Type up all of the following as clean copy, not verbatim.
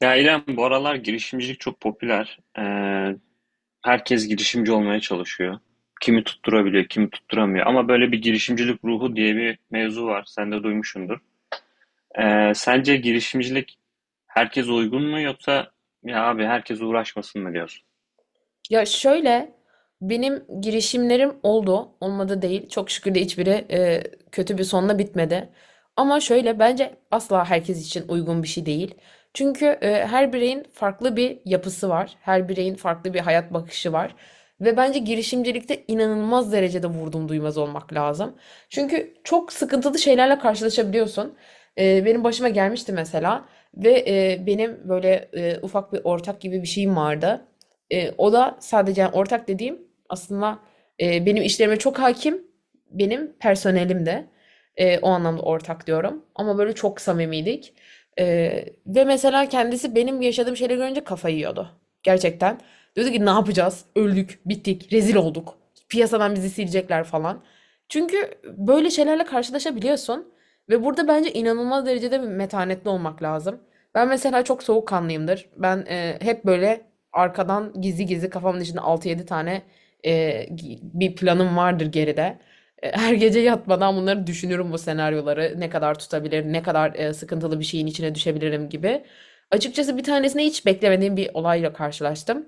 Ya İrem, bu aralar girişimcilik çok popüler. Herkes girişimci olmaya çalışıyor. Kimi tutturabiliyor, kimi tutturamıyor. Ama böyle bir girişimcilik ruhu diye bir mevzu var. Sen de duymuşsundur. Sence girişimcilik herkes uygun mu, yoksa ya abi herkes uğraşmasın mı diyorsun? Ya şöyle benim girişimlerim oldu. Olmadı değil. Çok şükür de hiçbiri kötü bir sonla bitmedi. Ama şöyle bence asla herkes için uygun bir şey değil. Çünkü her bireyin farklı bir yapısı var. Her bireyin farklı bir hayat bakışı var. Ve bence girişimcilikte inanılmaz derecede vurdum duymaz olmak lazım. Çünkü çok sıkıntılı şeylerle karşılaşabiliyorsun. Benim başıma gelmişti mesela. Ve benim böyle ufak bir ortak gibi bir şeyim vardı. O da sadece yani ortak dediğim aslında benim işlerime çok hakim, benim personelim de. O anlamda ortak diyorum. Ama böyle çok samimiydik. E, Ve mesela kendisi benim yaşadığım şeyleri görünce kafayı yiyordu. Gerçekten. Diyordu ki ne yapacağız? Öldük, bittik, rezil olduk. Piyasadan bizi silecekler falan. Çünkü böyle şeylerle karşılaşabiliyorsun. Ve burada bence inanılmaz derecede bir metanetli olmak lazım. Ben mesela çok soğukkanlıyımdır. Ben hep böyle arkadan gizli gizli kafamın içinde 6-7 tane e, bir planım vardır geride. Her gece yatmadan bunları düşünürüm bu senaryoları. Ne kadar tutabilir, ne kadar sıkıntılı bir şeyin içine düşebilirim gibi. Açıkçası bir tanesine hiç beklemediğim bir olayla karşılaştım.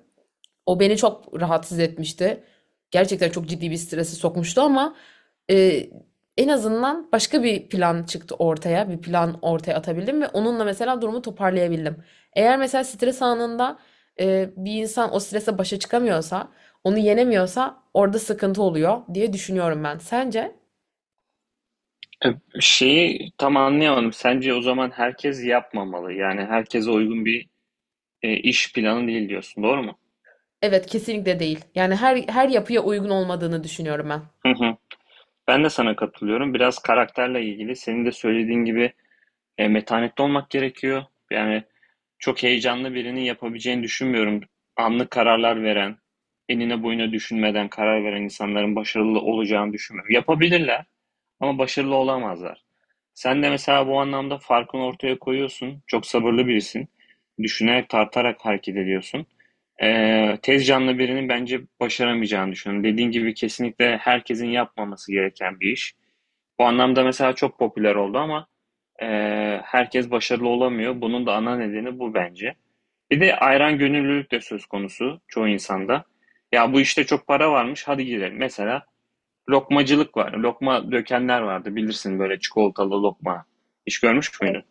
O beni çok rahatsız etmişti. Gerçekten çok ciddi bir strese sokmuştu ama e, en azından başka bir plan çıktı ortaya. Bir plan ortaya atabildim ve onunla mesela durumu toparlayabildim. Eğer mesela stres anında bir insan o strese başa çıkamıyorsa, onu yenemiyorsa orada sıkıntı oluyor diye düşünüyorum ben. Sence? Ee, Şeyi tam anlayamadım. Sence o zaman herkes yapmamalı. Yani herkese uygun bir iş planı değil diyorsun. Doğru mu? Evet, kesinlikle değil. Yani her yapıya uygun olmadığını düşünüyorum ben. Hı hı. Ben de sana katılıyorum. Biraz karakterle ilgili. Senin de söylediğin gibi metanetli olmak gerekiyor. Yani çok heyecanlı birinin yapabileceğini düşünmüyorum. Anlık kararlar veren, enine boyuna düşünmeden karar veren insanların başarılı olacağını düşünmüyorum. Yapabilirler ama başarılı olamazlar. Sen de mesela bu anlamda farkını ortaya koyuyorsun. Çok sabırlı birisin. Düşünerek, tartarak hareket ediyorsun. Tez canlı birinin bence başaramayacağını düşünüyorum. Dediğin gibi kesinlikle herkesin yapmaması gereken bir iş. Bu anlamda mesela çok popüler oldu ama herkes başarılı olamıyor. Bunun da ana nedeni bu bence. Bir de ayran gönüllülük de söz konusu çoğu insanda. Ya bu işte çok para varmış, hadi girelim. Mesela lokmacılık var. Lokma dökenler vardı, bilirsin, böyle çikolatalı lokma. Hiç görmüş müydün?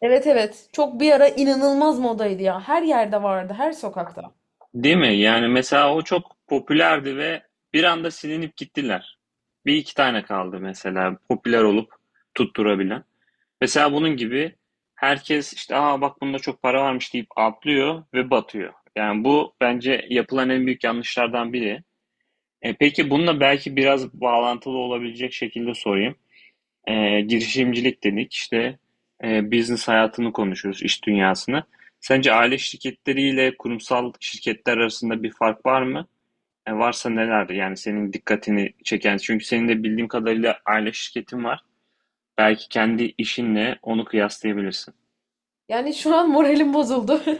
Evet, evet. Çok bir ara inanılmaz modaydı ya. Her yerde vardı, her sokakta. Değil mi? Yani mesela o çok popülerdi ve bir anda silinip gittiler. Bir iki tane kaldı mesela popüler olup tutturabilen. Mesela bunun gibi herkes işte, aa bak bunda çok para varmış deyip atlıyor ve batıyor. Yani bu bence yapılan en büyük yanlışlardan biri. Peki bununla belki biraz bağlantılı olabilecek şekilde sorayım. Girişimcilik dedik işte, business hayatını konuşuyoruz, iş dünyasını. Sence aile şirketleriyle kurumsal şirketler arasında bir fark var mı? Varsa nelerdir? Yani senin dikkatini çeken, çünkü senin de bildiğim kadarıyla aile şirketin var. Belki kendi işinle onu kıyaslayabilirsin. Yani şu an moralim bozuldu.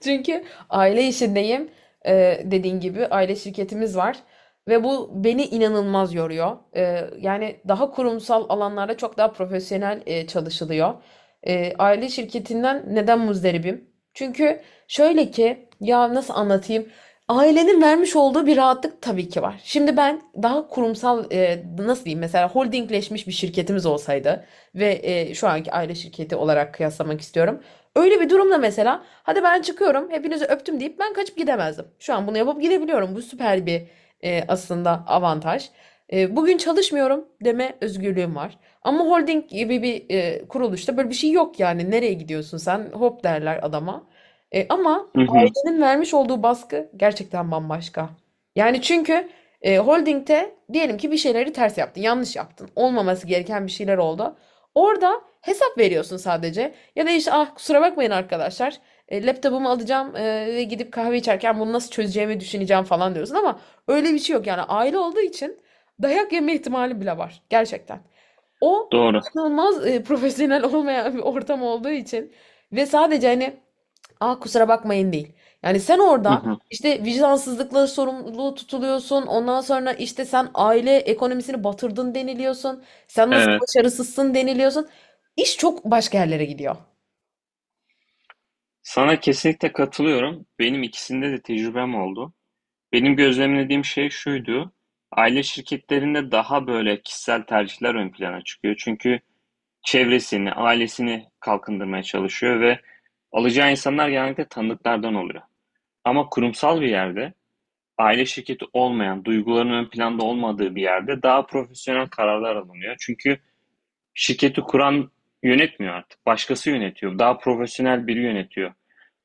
Çünkü aile işindeyim. Dediğin gibi aile şirketimiz var. Ve bu beni inanılmaz yoruyor. Yani daha kurumsal alanlarda çok daha profesyonel çalışılıyor. Aile şirketinden neden muzdaribim? Çünkü şöyle ki ya nasıl anlatayım? Ailenin vermiş olduğu bir rahatlık tabii ki var. Şimdi ben daha kurumsal, nasıl diyeyim, mesela holdingleşmiş bir şirketimiz olsaydı ve şu anki aile şirketi olarak kıyaslamak istiyorum. Öyle bir durumda mesela hadi ben çıkıyorum hepinizi öptüm deyip ben kaçıp gidemezdim. Şu an bunu yapıp gidebiliyorum. Bu süper bir, aslında, avantaj. Bugün çalışmıyorum deme özgürlüğüm var. Ama holding gibi bir kuruluşta böyle bir şey yok yani. Nereye gidiyorsun sen? Hop derler adama. Ama Hı hı, senin vermiş olduğu baskı gerçekten bambaşka. Yani çünkü holdingde diyelim ki bir şeyleri ters yaptın, yanlış yaptın. Olmaması gereken bir şeyler oldu. Orada hesap veriyorsun sadece. Ya da işte ah kusura bakmayın arkadaşlar. Laptopumu alacağım ve gidip kahve içerken bunu nasıl çözeceğimi düşüneceğim falan diyorsun ama öyle bir şey yok. Yani aile olduğu için dayak yeme ihtimali bile var. Gerçekten. O doğru. inanılmaz, profesyonel olmayan bir ortam olduğu için ve sadece, hani, "A, kusura bakmayın." değil. Yani sen Hı orada, hı, işte, vicdansızlıkla sorumluluğu tutuluyorsun. Ondan sonra, işte, sen aile ekonomisini batırdın deniliyorsun. Sen nasıl evet. başarısızsın deniliyorsun. İş çok başka yerlere gidiyor. Sana kesinlikle katılıyorum. Benim ikisinde de tecrübem oldu. Benim gözlemlediğim şey şuydu. Aile şirketlerinde daha böyle kişisel tercihler ön plana çıkıyor. Çünkü çevresini, ailesini kalkındırmaya çalışıyor ve alacağı insanlar genellikle tanıdıklardan oluyor. Ama kurumsal bir yerde, aile şirketi olmayan, duyguların ön planda olmadığı bir yerde daha profesyonel kararlar alınıyor. Çünkü şirketi kuran yönetmiyor artık. Başkası yönetiyor. Daha profesyonel biri yönetiyor.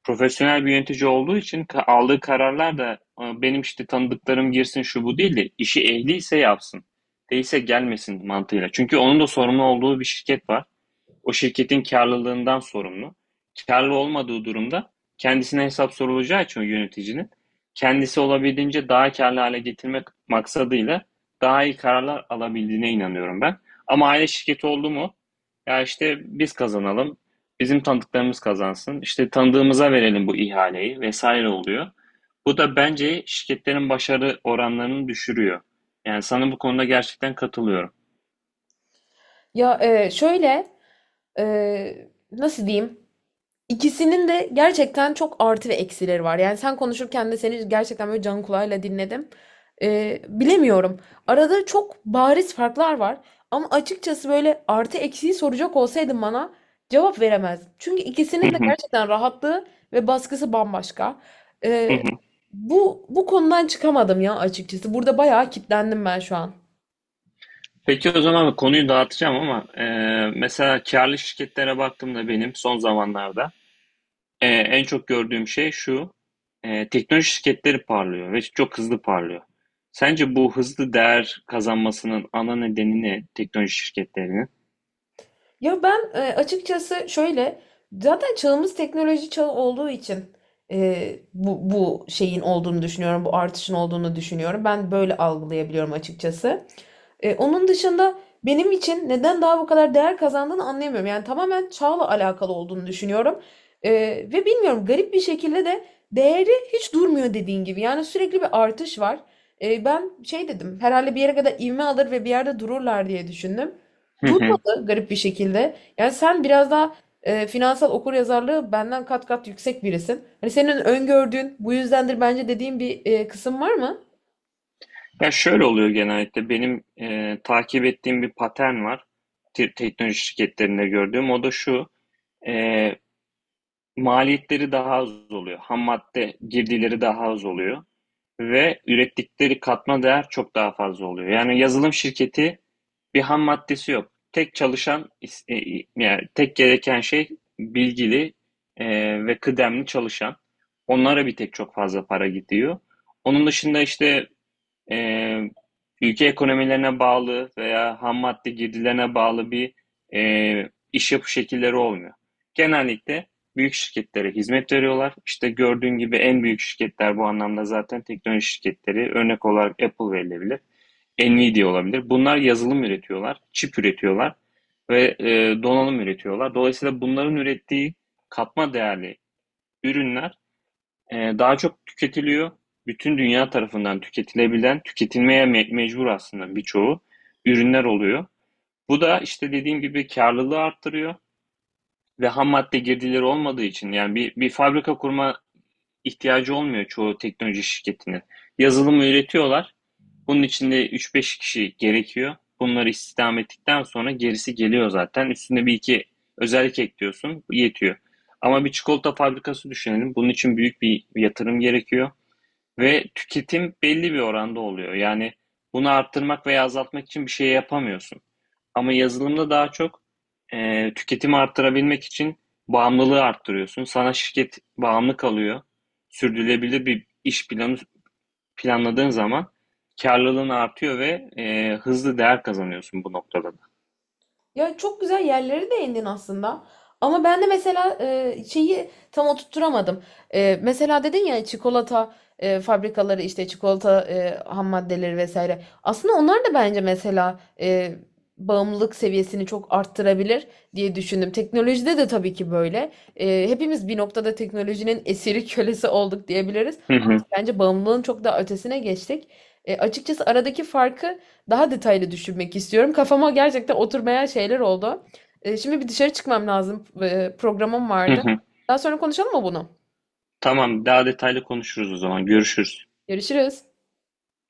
Profesyonel bir yönetici olduğu için aldığı kararlar da benim işte tanıdıklarım girsin şu bu değil de, işi ehliyse yapsın. Değilse gelmesin mantığıyla. Çünkü onun da sorumlu olduğu bir şirket var. O şirketin karlılığından sorumlu. Kârlı olmadığı durumda kendisine hesap sorulacağı için o yöneticinin kendisi, olabildiğince daha karlı hale getirmek maksadıyla daha iyi kararlar alabildiğine inanıyorum ben. Ama aile şirketi oldu mu? Ya işte biz kazanalım, bizim tanıdıklarımız kazansın, işte tanıdığımıza verelim bu ihaleyi vesaire oluyor. Bu da bence şirketlerin başarı oranlarını düşürüyor. Yani sana bu konuda gerçekten katılıyorum. Ya, şöyle, nasıl diyeyim? İkisinin de gerçekten çok artı ve eksileri var. Yani sen konuşurken de seni gerçekten böyle can kulağıyla dinledim. Bilemiyorum. Arada çok bariz farklar var. Ama açıkçası böyle artı eksiği soracak olsaydın bana cevap veremezdim. Çünkü ikisinin de gerçekten rahatlığı ve baskısı bambaşka. Ee, bu konudan çıkamadım ya açıkçası. Burada bayağı kitlendim ben şu an. Peki o zaman konuyu dağıtacağım, ama mesela karlı şirketlere baktığımda benim son zamanlarda en çok gördüğüm şey şu. Teknoloji şirketleri parlıyor ve çok hızlı parlıyor. Sence bu hızlı değer kazanmasının ana nedeni ne teknoloji şirketlerinin? Ya ben, açıkçası, şöyle zaten çağımız teknoloji çağı olduğu için bu şeyin olduğunu düşünüyorum. Bu artışın olduğunu düşünüyorum. Ben böyle algılayabiliyorum açıkçası. Onun dışında benim için neden daha bu kadar değer kazandığını anlayamıyorum. Yani tamamen çağla alakalı olduğunu düşünüyorum. E, Ve bilmiyorum, garip bir şekilde de değeri hiç durmuyor dediğin gibi. Yani sürekli bir artış var. Ben şey dedim herhalde, bir yere kadar ivme alır ve bir yerde dururlar diye düşündüm, Hı hı. yaptı garip bir şekilde. Yani sen biraz daha finansal okuryazarlığı benden kat kat yüksek birisin. Hani senin öngördüğün bu yüzdendir bence dediğin bir kısım var mı? Ya şöyle oluyor, genellikle benim takip ettiğim bir patern var teknoloji şirketlerinde gördüğüm. O da şu. e, Maliyetleri daha az oluyor. Ham madde girdileri daha az oluyor ve ürettikleri katma değer çok daha fazla oluyor. Yani yazılım şirketi bir ham maddesi yok. Tek çalışan yani tek gereken şey bilgili e, ve kıdemli çalışan. Onlara bir tek çok fazla para gidiyor. Onun dışında işte e, ülke ekonomilerine bağlı veya ham madde girdilerine bağlı bir iş yapı şekilleri olmuyor. Genellikle büyük şirketlere hizmet veriyorlar. İşte gördüğün gibi en büyük şirketler bu anlamda zaten teknoloji şirketleri. Örnek olarak Apple verilebilir, Nvidia olabilir. Bunlar yazılım üretiyorlar, çip üretiyorlar ve donanım üretiyorlar. Dolayısıyla bunların ürettiği katma değerli ürünler daha çok tüketiliyor. Bütün dünya tarafından tüketilebilen, tüketilmeye mecbur aslında birçoğu ürünler oluyor. Bu da işte dediğim gibi karlılığı arttırıyor ve ham madde girdileri olmadığı için, yani bir fabrika kurma ihtiyacı olmuyor çoğu teknoloji şirketinin. Yazılımı üretiyorlar. Bunun içinde üç beş kişi gerekiyor. Bunları istihdam ettikten sonra gerisi geliyor zaten. Üstüne bir iki özellik ekliyorsun, yetiyor. Ama bir çikolata fabrikası düşünelim. Bunun için büyük bir yatırım gerekiyor. Ve tüketim belli bir oranda oluyor. Yani bunu arttırmak veya azaltmak için bir şey yapamıyorsun. Ama yazılımda daha çok tüketimi arttırabilmek için bağımlılığı arttırıyorsun. Sana şirket bağımlı kalıyor. Sürdürülebilir bir iş planı planladığın zaman karlılığın artıyor ve hızlı değer kazanıyorsun bu noktada. Ya çok güzel yerleri değindin aslında. Ama ben de mesela şeyi tam oturtturamadım. Mesela dedin ya çikolata fabrikaları, işte çikolata ham maddeleri vesaire. Aslında onlar da bence mesela bağımlılık seviyesini çok arttırabilir diye düşündüm. Teknolojide de tabii ki böyle. Hepimiz bir noktada teknolojinin esiri kölesi olduk diyebiliriz. Hı hı, Bence bağımlılığın çok daha ötesine geçtik. Açıkçası aradaki farkı daha detaylı düşünmek istiyorum. Kafama gerçekten oturmayan şeyler oldu. Şimdi bir dışarı çıkmam lazım. Programım hı vardı. hı. Daha sonra konuşalım mı bunu? Tamam, daha detaylı konuşuruz o zaman. Görüşürüz. Görüşürüz.